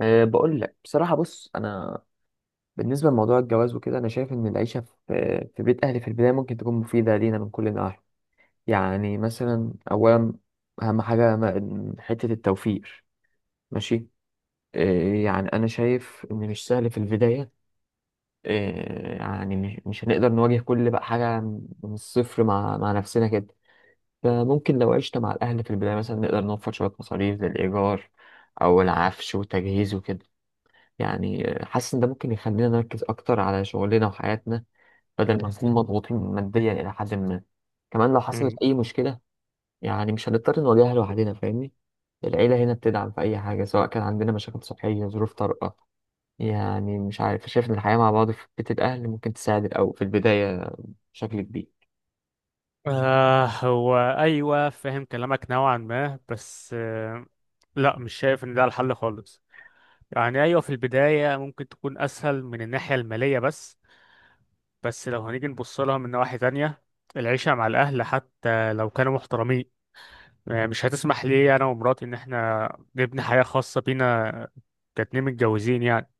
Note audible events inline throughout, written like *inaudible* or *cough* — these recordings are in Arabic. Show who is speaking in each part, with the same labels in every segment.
Speaker 1: بقول لك بصراحة. بص أنا بالنسبة لموضوع الجواز وكده أنا شايف إن العيشة في بيت أهلي في البداية ممكن تكون مفيدة لينا من كل النواحي. يعني مثلا أولا أهم حاجة حتة التوفير، ماشي. يعني أنا شايف إن مش سهل في البداية. يعني مش هنقدر نواجه كل بقى حاجة من الصفر مع نفسنا كده. فممكن لو عشنا مع الأهل في البداية مثلا نقدر نوفر شوية مصاريف زي الإيجار أو العفش والتجهيز وكده. يعني حاسس ان ده ممكن يخلينا نركز اكتر على شغلنا وحياتنا بدل ما نكون مضغوطين ماديا الى حد ما. كمان لو حصلت
Speaker 2: مم.
Speaker 1: اي مشكله يعني مش هنضطر نواجهها لوحدنا، فاهمني؟ العيله هنا بتدعم في اي حاجه، سواء كان عندنا مشاكل صحيه، ظروف طارئه. يعني مش عارف، شايف ان الحياه مع بعض في بيت الاهل ممكن تساعد او في البدايه بشكل كبير.
Speaker 2: هو أيوة، فاهم كلامك نوعا ما، بس لا، مش شايف إن ده الحل خالص. يعني أيوة، في البداية ممكن تكون أسهل من الناحية المالية، بس لو هنيجي نبص لها من نواحي تانية. العيشة مع الأهل حتى لو كانوا محترمين، مش هتسمح لي أنا ومراتي إن إحنا نبني حياة خاصة بينا، كاتنين متجوزين يعني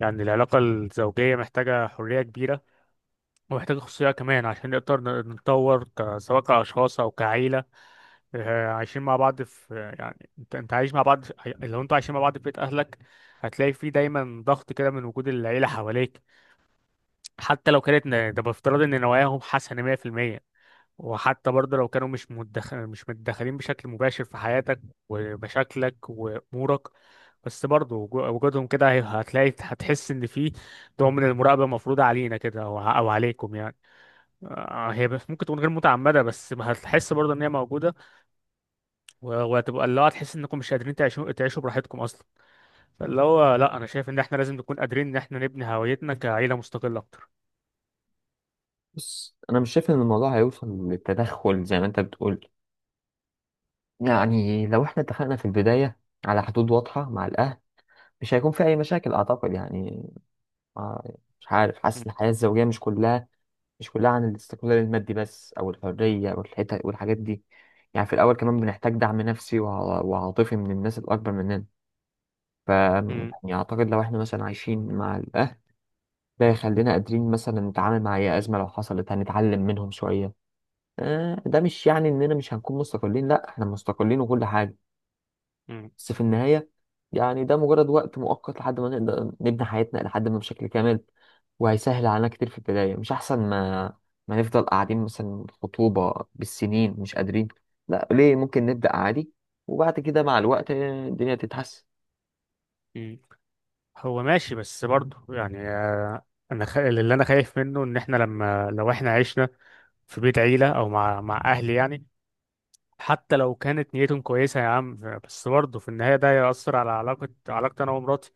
Speaker 2: يعني العلاقة الزوجية محتاجة حرية كبيرة، ومحتاجة خصوصية كمان عشان نقدر نتطور سواء كأشخاص أو كعيلة. عايشين مع بعض في يعني انت عايش مع بعض لو انتوا عايشين مع بعض في بيت اهلك، هتلاقي فيه دايما ضغط كده من وجود العيلة حواليك. حتى لو كانت ده بافتراض ان نواياهم حسنة 100%، وحتى برضه لو كانوا مش متدخلين بشكل مباشر في حياتك ومشاكلك وامورك. بس برضه وجودهم كده هتلاقي، هتحس ان في نوع من المراقبة مفروضة علينا كده، او أو عليكم يعني. هي ممكن تكون غير متعمدة بس هتحس برضه ان هي موجودة، وهتبقى اللي هو تحس انكم مش قادرين تعيشوا براحتكم اصلا. فاللي هو، لا، انا شايف ان احنا لازم نكون قادرين ان احنا نبني هويتنا كعيله مستقله اكتر.
Speaker 1: بس انا مش شايف ان الموضوع هيوصل للتدخل زي ما انت بتقول. يعني لو احنا اتفقنا في البدايه على حدود واضحه مع الاهل، مش هيكون في اي مشاكل اعتقد يعني. ما- مش عارف،
Speaker 2: مم.
Speaker 1: حاسس ان الحياة الزوجية مش كلها عن الاستقلال المادي بس، او الحرية والحتة والحاجات دي. يعني في الاول كمان بنحتاج دعم نفسي وعاطفي من الناس الاكبر مننا. ف
Speaker 2: مم.
Speaker 1: يعني اعتقد لو احنا مثلا عايشين مع الاهل، ده يخلينا قادرين مثلا نتعامل مع اي ازمة لو حصلت، هنتعلم منهم شوية. آه، ده مش يعني اننا مش هنكون مستقلين، لا احنا مستقلين وكل حاجة.
Speaker 2: مم.
Speaker 1: بس في النهاية يعني ده مجرد وقت مؤقت لحد ما نقدر نبني حياتنا لحد ما بشكل كامل، وهيسهل علينا كتير في البداية. مش أحسن ما نفضل قاعدين مثلا خطوبة بالسنين مش قادرين؟ لا، ليه؟ ممكن نبدأ عادي وبعد كده مع الوقت الدنيا تتحسن.
Speaker 2: مم. هو ماشي، بس برضه يعني اللي انا خايف منه ان احنا لو احنا عشنا في بيت عيله او مع اهلي يعني، حتى لو كانت نيتهم كويسه يا عم، بس برضه في النهايه ده هيأثر على علاقتي انا ومراتي.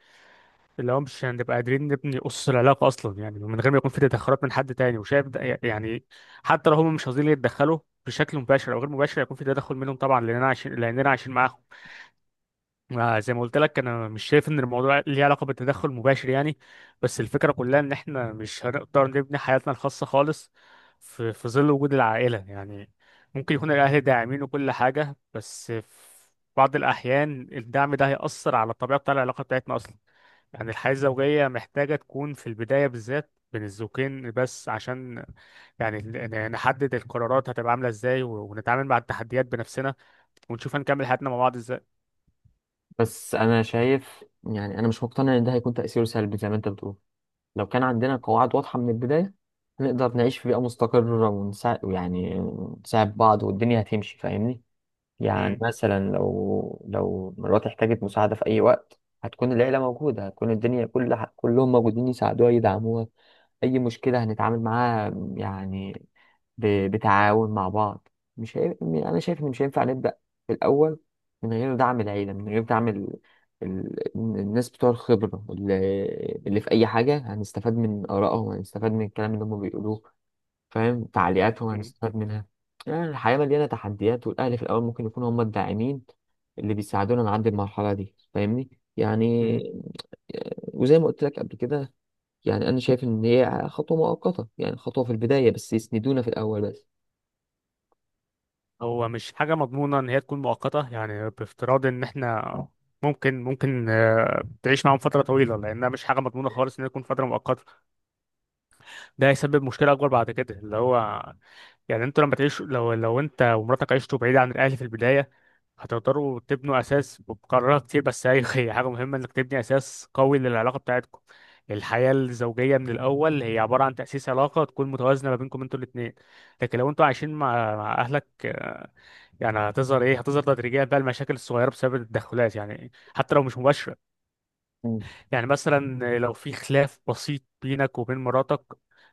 Speaker 2: اللي هو مش هنبقى قادرين نبني أسس العلاقة أصلا، يعني من غير ما يكون في تدخلات من حد تاني، وشايف ده يعني. حتى لو هم مش قاصدين يتدخلوا بشكل مباشر أو غير مباشر، هيكون في تدخل منهم طبعا، لأننا عايشين معاهم. زي ما قلت لك، أنا مش شايف إن الموضوع ليه علاقة بالتدخل المباشر يعني، بس الفكرة كلها إن إحنا مش هنقدر نبني حياتنا الخاصة خالص في ظل وجود العائلة يعني. ممكن يكون الأهل داعمين وكل حاجة، بس في بعض الأحيان الدعم ده هيأثر على الطبيعة بتاع العلاقة بتاعتنا أصلا. يعني الحياة الزوجية محتاجة تكون في البداية بالذات بين الزوجين بس، عشان يعني نحدد القرارات هتبقى عاملة ازاي، ونتعامل مع التحديات بنفسنا، ونشوف هنكمل حياتنا مع بعض ازاي.
Speaker 1: بس أنا شايف يعني أنا مش مقتنع إن ده هيكون تأثيره سلبي زي ما أنت بتقول. لو كان عندنا قواعد واضحة من البداية، نقدر نعيش في بيئة مستقرة ونساعد، يعني نساعد بعض، والدنيا هتمشي، فاهمني؟ يعني
Speaker 2: مم.
Speaker 1: مثلا لو مراتي احتاجت مساعدة في أي وقت، هتكون العيلة موجودة، هتكون الدنيا كلهم موجودين يساعدوها يدعموها. أي مشكلة هنتعامل معاها يعني بتعاون مع بعض. مش هي... أنا شايف إن مش هينفع نبدأ في الأول من غير دعم العيلة، من غير دعم الناس بتوع الخبرة اللي في أي حاجة، هنستفاد من آرائهم، هنستفاد من الكلام اللي هم بيقولوه، فاهم، تعليقاتهم
Speaker 2: مم.
Speaker 1: هنستفاد منها. يعني الحياة مليانة تحديات، والأهل في الأول ممكن يكونوا هم الداعمين اللي بيساعدونا نعدي المرحلة دي، فاهمني؟ يعني
Speaker 2: مم.
Speaker 1: وزي ما قلت لك قبل كده، يعني أنا شايف إن هي خطوة مؤقتة، يعني خطوة في البداية بس يسندونا في الأول بس.
Speaker 2: هو مش حاجة مضمونة ان هي تكون مؤقتة، يعني بافتراض ان احنا ممكن تعيش معاهم فترة طويلة، لأنها مش حاجة مضمونة خالص إنها تكون فترة مؤقتة. ده هيسبب مشكلة أكبر بعد كده، اللي هو يعني انتوا لما تعيشوا لو انت ومراتك عشتوا بعيد عن الاهل في البدايه، هتقدروا تبنوا اساس بقرارات كتير. بس هي *laughs* هي حاجه مهمه انك تبني اساس قوي للعلاقه بتاعتكم. الحياه الزوجيه من الاول هي عباره عن تاسيس علاقه تكون متوازنه ما بينكم انتوا الاثنين. لكن لو انتوا عايشين مع اهلك، يعني هتظهر هتظهر تدريجيا بقى المشاكل الصغيره بسبب التدخلات، يعني حتى لو مش مباشره.
Speaker 1: مم.
Speaker 2: يعني مثلا لو في خلاف بسيط بينك وبين مراتك،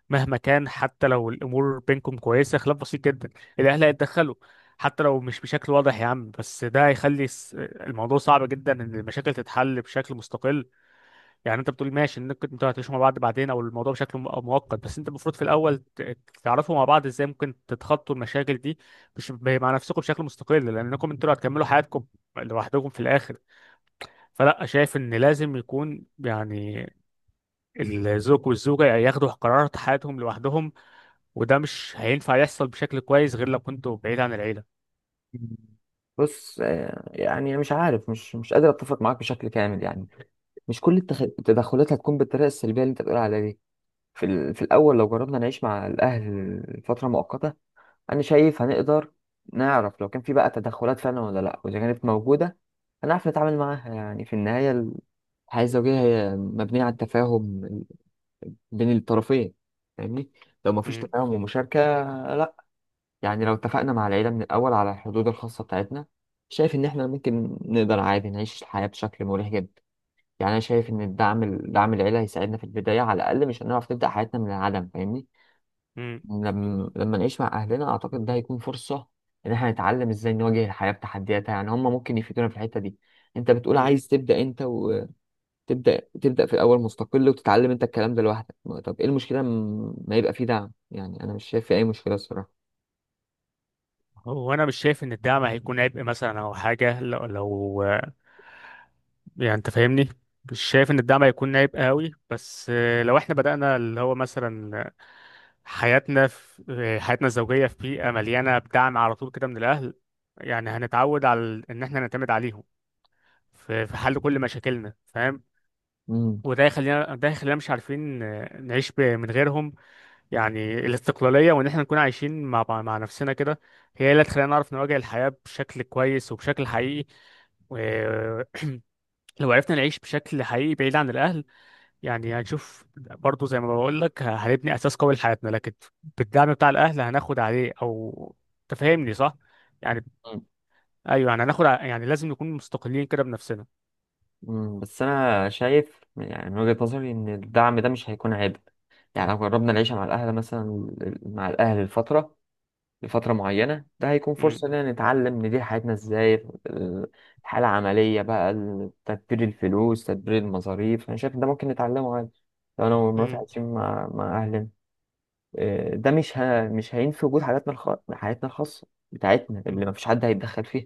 Speaker 2: مهما كان، حتى لو الامور بينكم كويسه، خلاف بسيط جدا، الاهل هيتدخلوا، حتى لو مش بشكل واضح يا عم، بس ده هيخلي الموضوع صعب جدا ان المشاكل تتحل بشكل مستقل. يعني انت بتقول ماشي انك انتوا هتعيشوا مع بعض بعدين او الموضوع بشكل مؤقت، بس انت المفروض في الاول تعرفوا مع بعض ازاي ممكن تتخطوا المشاكل دي، مش مع نفسكم بشكل مستقل، لانكم انتوا اللي هتكملوا حياتكم لوحدكم في الاخر. فلا، شايف ان لازم يكون يعني الزوج والزوجة ياخدوا قرارات حياتهم لوحدهم، وده مش هينفع يحصل بشكل كويس غير لو كنتوا بعيد عن العيلة.
Speaker 1: بص، آه، يعني مش عارف، مش قادر اتفق معاك بشكل كامل يعني. مش كل التدخلات هتكون بالطريقه السلبيه اللي انت بتقول عليها دي. في في الاول لو جربنا نعيش مع الاهل فتره مؤقته، انا شايف هنقدر نعرف لو كان في بقى تدخلات فعلا ولا لا، واذا كانت موجوده هنعرف نتعامل معاها يعني. في النهايه الحياه الزوجيه هي مبنيه على التفاهم بين الطرفين، فاهمني؟ لو ما فيش
Speaker 2: مم.
Speaker 1: تفاهم ومشاركه، لا. يعني لو اتفقنا مع العيله من الاول على الحدود الخاصه بتاعتنا، شايف ان احنا ممكن نقدر عادي نعيش الحياه بشكل مريح جدا. يعني انا شايف ان الدعم، دعم العيله، هيساعدنا في البدايه على الاقل، مش هنعرف نبدا حياتنا من العدم، فاهمني؟
Speaker 2: مم.
Speaker 1: لما نعيش مع اهلنا اعتقد ده هيكون فرصه ان احنا نتعلم ازاي نواجه الحياه بتحدياتها، يعني هم ممكن يفيدونا في الحته دي. انت بتقول
Speaker 2: مم.
Speaker 1: عايز تبدا، انت تبدا في الاول مستقل وتتعلم انت الكلام ده لوحدك. طب ايه المشكله، ما يبقى فيه دعم؟ يعني انا مش شايف في اي مشكله الصراحه.
Speaker 2: هو أنا مش شايف إن الدعم هيكون عبء مثلا أو حاجة، لو يعني أنت فاهمني، مش شايف إن الدعم هيكون عبء قوي، بس لو إحنا بدأنا اللي هو مثلا حياتنا الزوجية في بيئة مليانة بدعم على طول كده من الأهل، يعني هنتعود على إن إحنا نعتمد عليهم في حل كل مشاكلنا، فاهم.
Speaker 1: امم
Speaker 2: وده يخلينا، ده يخلينا مش عارفين، نعيش من غيرهم. يعني الاستقلالية وإن احنا نكون عايشين مع نفسنا كده، هي اللي هتخلينا نعرف نواجه الحياة بشكل كويس وبشكل حقيقي. ولو عرفنا نعيش بشكل حقيقي بعيد عن الأهل، يعني هنشوف برضو، زي ما بقول لك، هنبني أساس قوي لحياتنا. لكن بالدعم بتاع الأهل هناخد عليه أو، تفهمني صح؟ يعني أيوه، يعني هناخد يعني لازم نكون مستقلين كده بنفسنا.
Speaker 1: بس انا شايف يعني من وجهه نظري ان الدعم ده مش هيكون عبء. يعني لو جربنا العيشه مع الاهل مثلا، مع الاهل لفترة معينة، ده هيكون
Speaker 2: م-
Speaker 1: فرصة إننا نتعلم ندير حياتنا إزاي. ال- الحالة العملية بقى، تدبير الفلوس، تدبير المصاريف، أنا شايف إن ده ممكن نتعلمه عادي لو أنا ومراتي
Speaker 2: م-
Speaker 1: عايشين مع أهلنا. إيه، ده مش هينفي وجود حياتنا الخاصة بتاعتنا
Speaker 2: م-
Speaker 1: اللي مفيش حد هيتدخل فيها.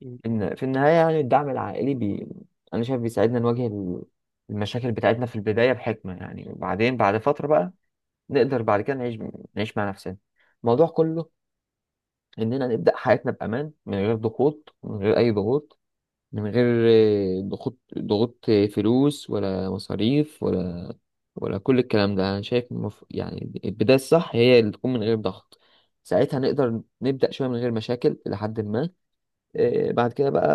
Speaker 2: م-
Speaker 1: إن في النهاية يعني الدعم العائلي أنا شايف بيساعدنا نواجه المشاكل بتاعتنا في البداية بحكمة يعني. وبعدين بعد فترة بقى نقدر بعد كده نعيش، مع نفسنا. الموضوع كله اننا نبدا حياتنا بامان من غير ضغوط، من غير اي ضغوط، من غير ضغوط فلوس ولا مصاريف ولا ولا كل الكلام ده. انا شايف يعني البدايه الصح هي اللي تكون من غير ضغط، ساعتها نقدر نبدا شويه من غير مشاكل الى حد ما. آه، بعد كده بقى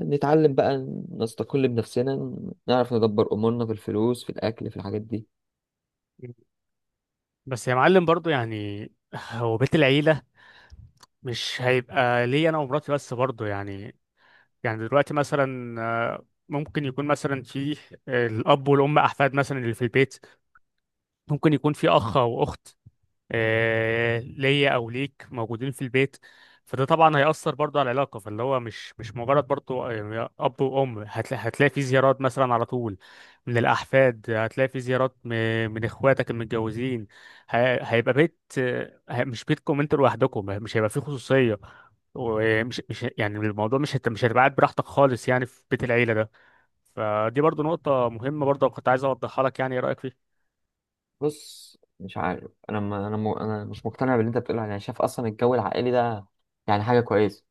Speaker 1: نتعلم بقى، نستقل بنفسنا، نعرف ندبر امورنا في الفلوس، في الاكل، في الحاجات دي.
Speaker 2: بس يا معلم برضو يعني، هو بيت العيلة مش هيبقى ليا أنا ومراتي بس برضو يعني. يعني دلوقتي مثلا ممكن يكون مثلا في الأب والأم، أحفاد مثلا اللي في البيت، ممكن يكون في أخ أو أخت ليا او ليك موجودين في البيت. فده طبعا هيأثر برضه على العلاقة. فاللي هو مش مجرد برضه يعني أب وأم، هتلاقي في زيارات مثلا على طول من الأحفاد، هتلاقي في زيارات من إخواتك المتجوزين. ه- هيبقى بيت، مش بيتكم أنتوا لوحدكم، مش هيبقى فيه خصوصية، ومش مش يعني الموضوع مش هتبقى قاعد براحتك خالص يعني في بيت العيلة ده. فدي برضه نقطة مهمة برضه كنت عايز أوضحها لك، يعني إيه رأيك فيها؟
Speaker 1: بص، مش عارف، انا ما انا م... انا مش مقتنع باللي انت بتقوله يعني. شايف اصلا الجو العائلي ده يعني حاجه كويسه،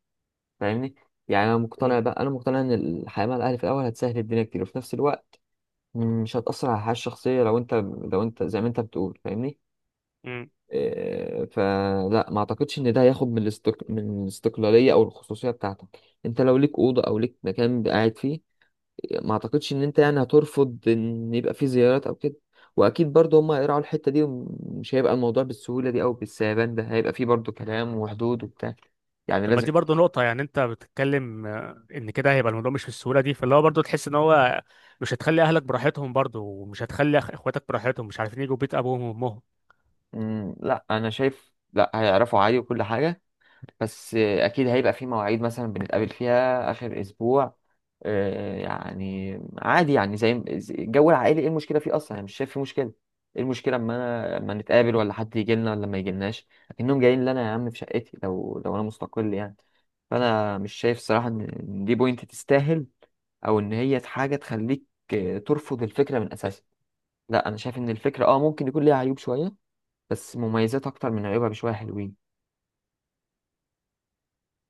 Speaker 1: فاهمني؟ يعني انا مقتنع ان الحياه مع الاهل في الاول هتسهل الدنيا كتير، وفي نفس الوقت مش هتاثر على الحياه الشخصيه. لو انت، زي ما انت بتقول، فاهمني؟
Speaker 2: مم.
Speaker 1: إيه، فلا ما اعتقدش ان ده هياخد من من الاستقلاليه او الخصوصيه بتاعتك. انت لو ليك اوضه او ليك مكان قاعد فيه، ما اعتقدش ان انت يعني هترفض ان يبقى فيه زيارات او كده. واكيد برضه هم هيراعوا الحته دي، ومش هيبقى الموضوع بالسهوله دي او بالسهبان ده، هيبقى فيه برضه كلام وحدود وبتاع، يعني
Speaker 2: طب ما
Speaker 1: لازم.
Speaker 2: دي برضه نقطة، يعني أنت بتتكلم إن كده هيبقى الموضوع مش بالسهولة دي، فاللي هو برضه تحس إن هو مش هتخلي أهلك براحتهم برضه، ومش هتخلي إخواتك براحتهم، مش عارفين يجوا بيت أبوهم وأمهم.
Speaker 1: مم، لا انا شايف لا هيعرفوا عادي وكل حاجه. بس آه، اكيد هيبقى في مواعيد مثلا بنتقابل فيها اخر اسبوع. آه، يعني عادي يعني، زي الجو العائلي ايه المشكله فيه اصلا؟ انا مش شايف فيه مشكله. ايه المشكله اما انا اما نتقابل ولا حد يجي لنا ولا ما يجيلناش؟ لكنهم جايين لنا يا عم في شقتي لو انا مستقل يعني. فانا مش شايف الصراحه ان إن دي بوينت تستاهل، او ان هي حاجه تخليك آه، ترفض الفكره من اساسها. لا انا شايف ان الفكره اه ممكن يكون ليها عيوب شويه، بس مميزات اكتر من عيوبها بشويه حلوين.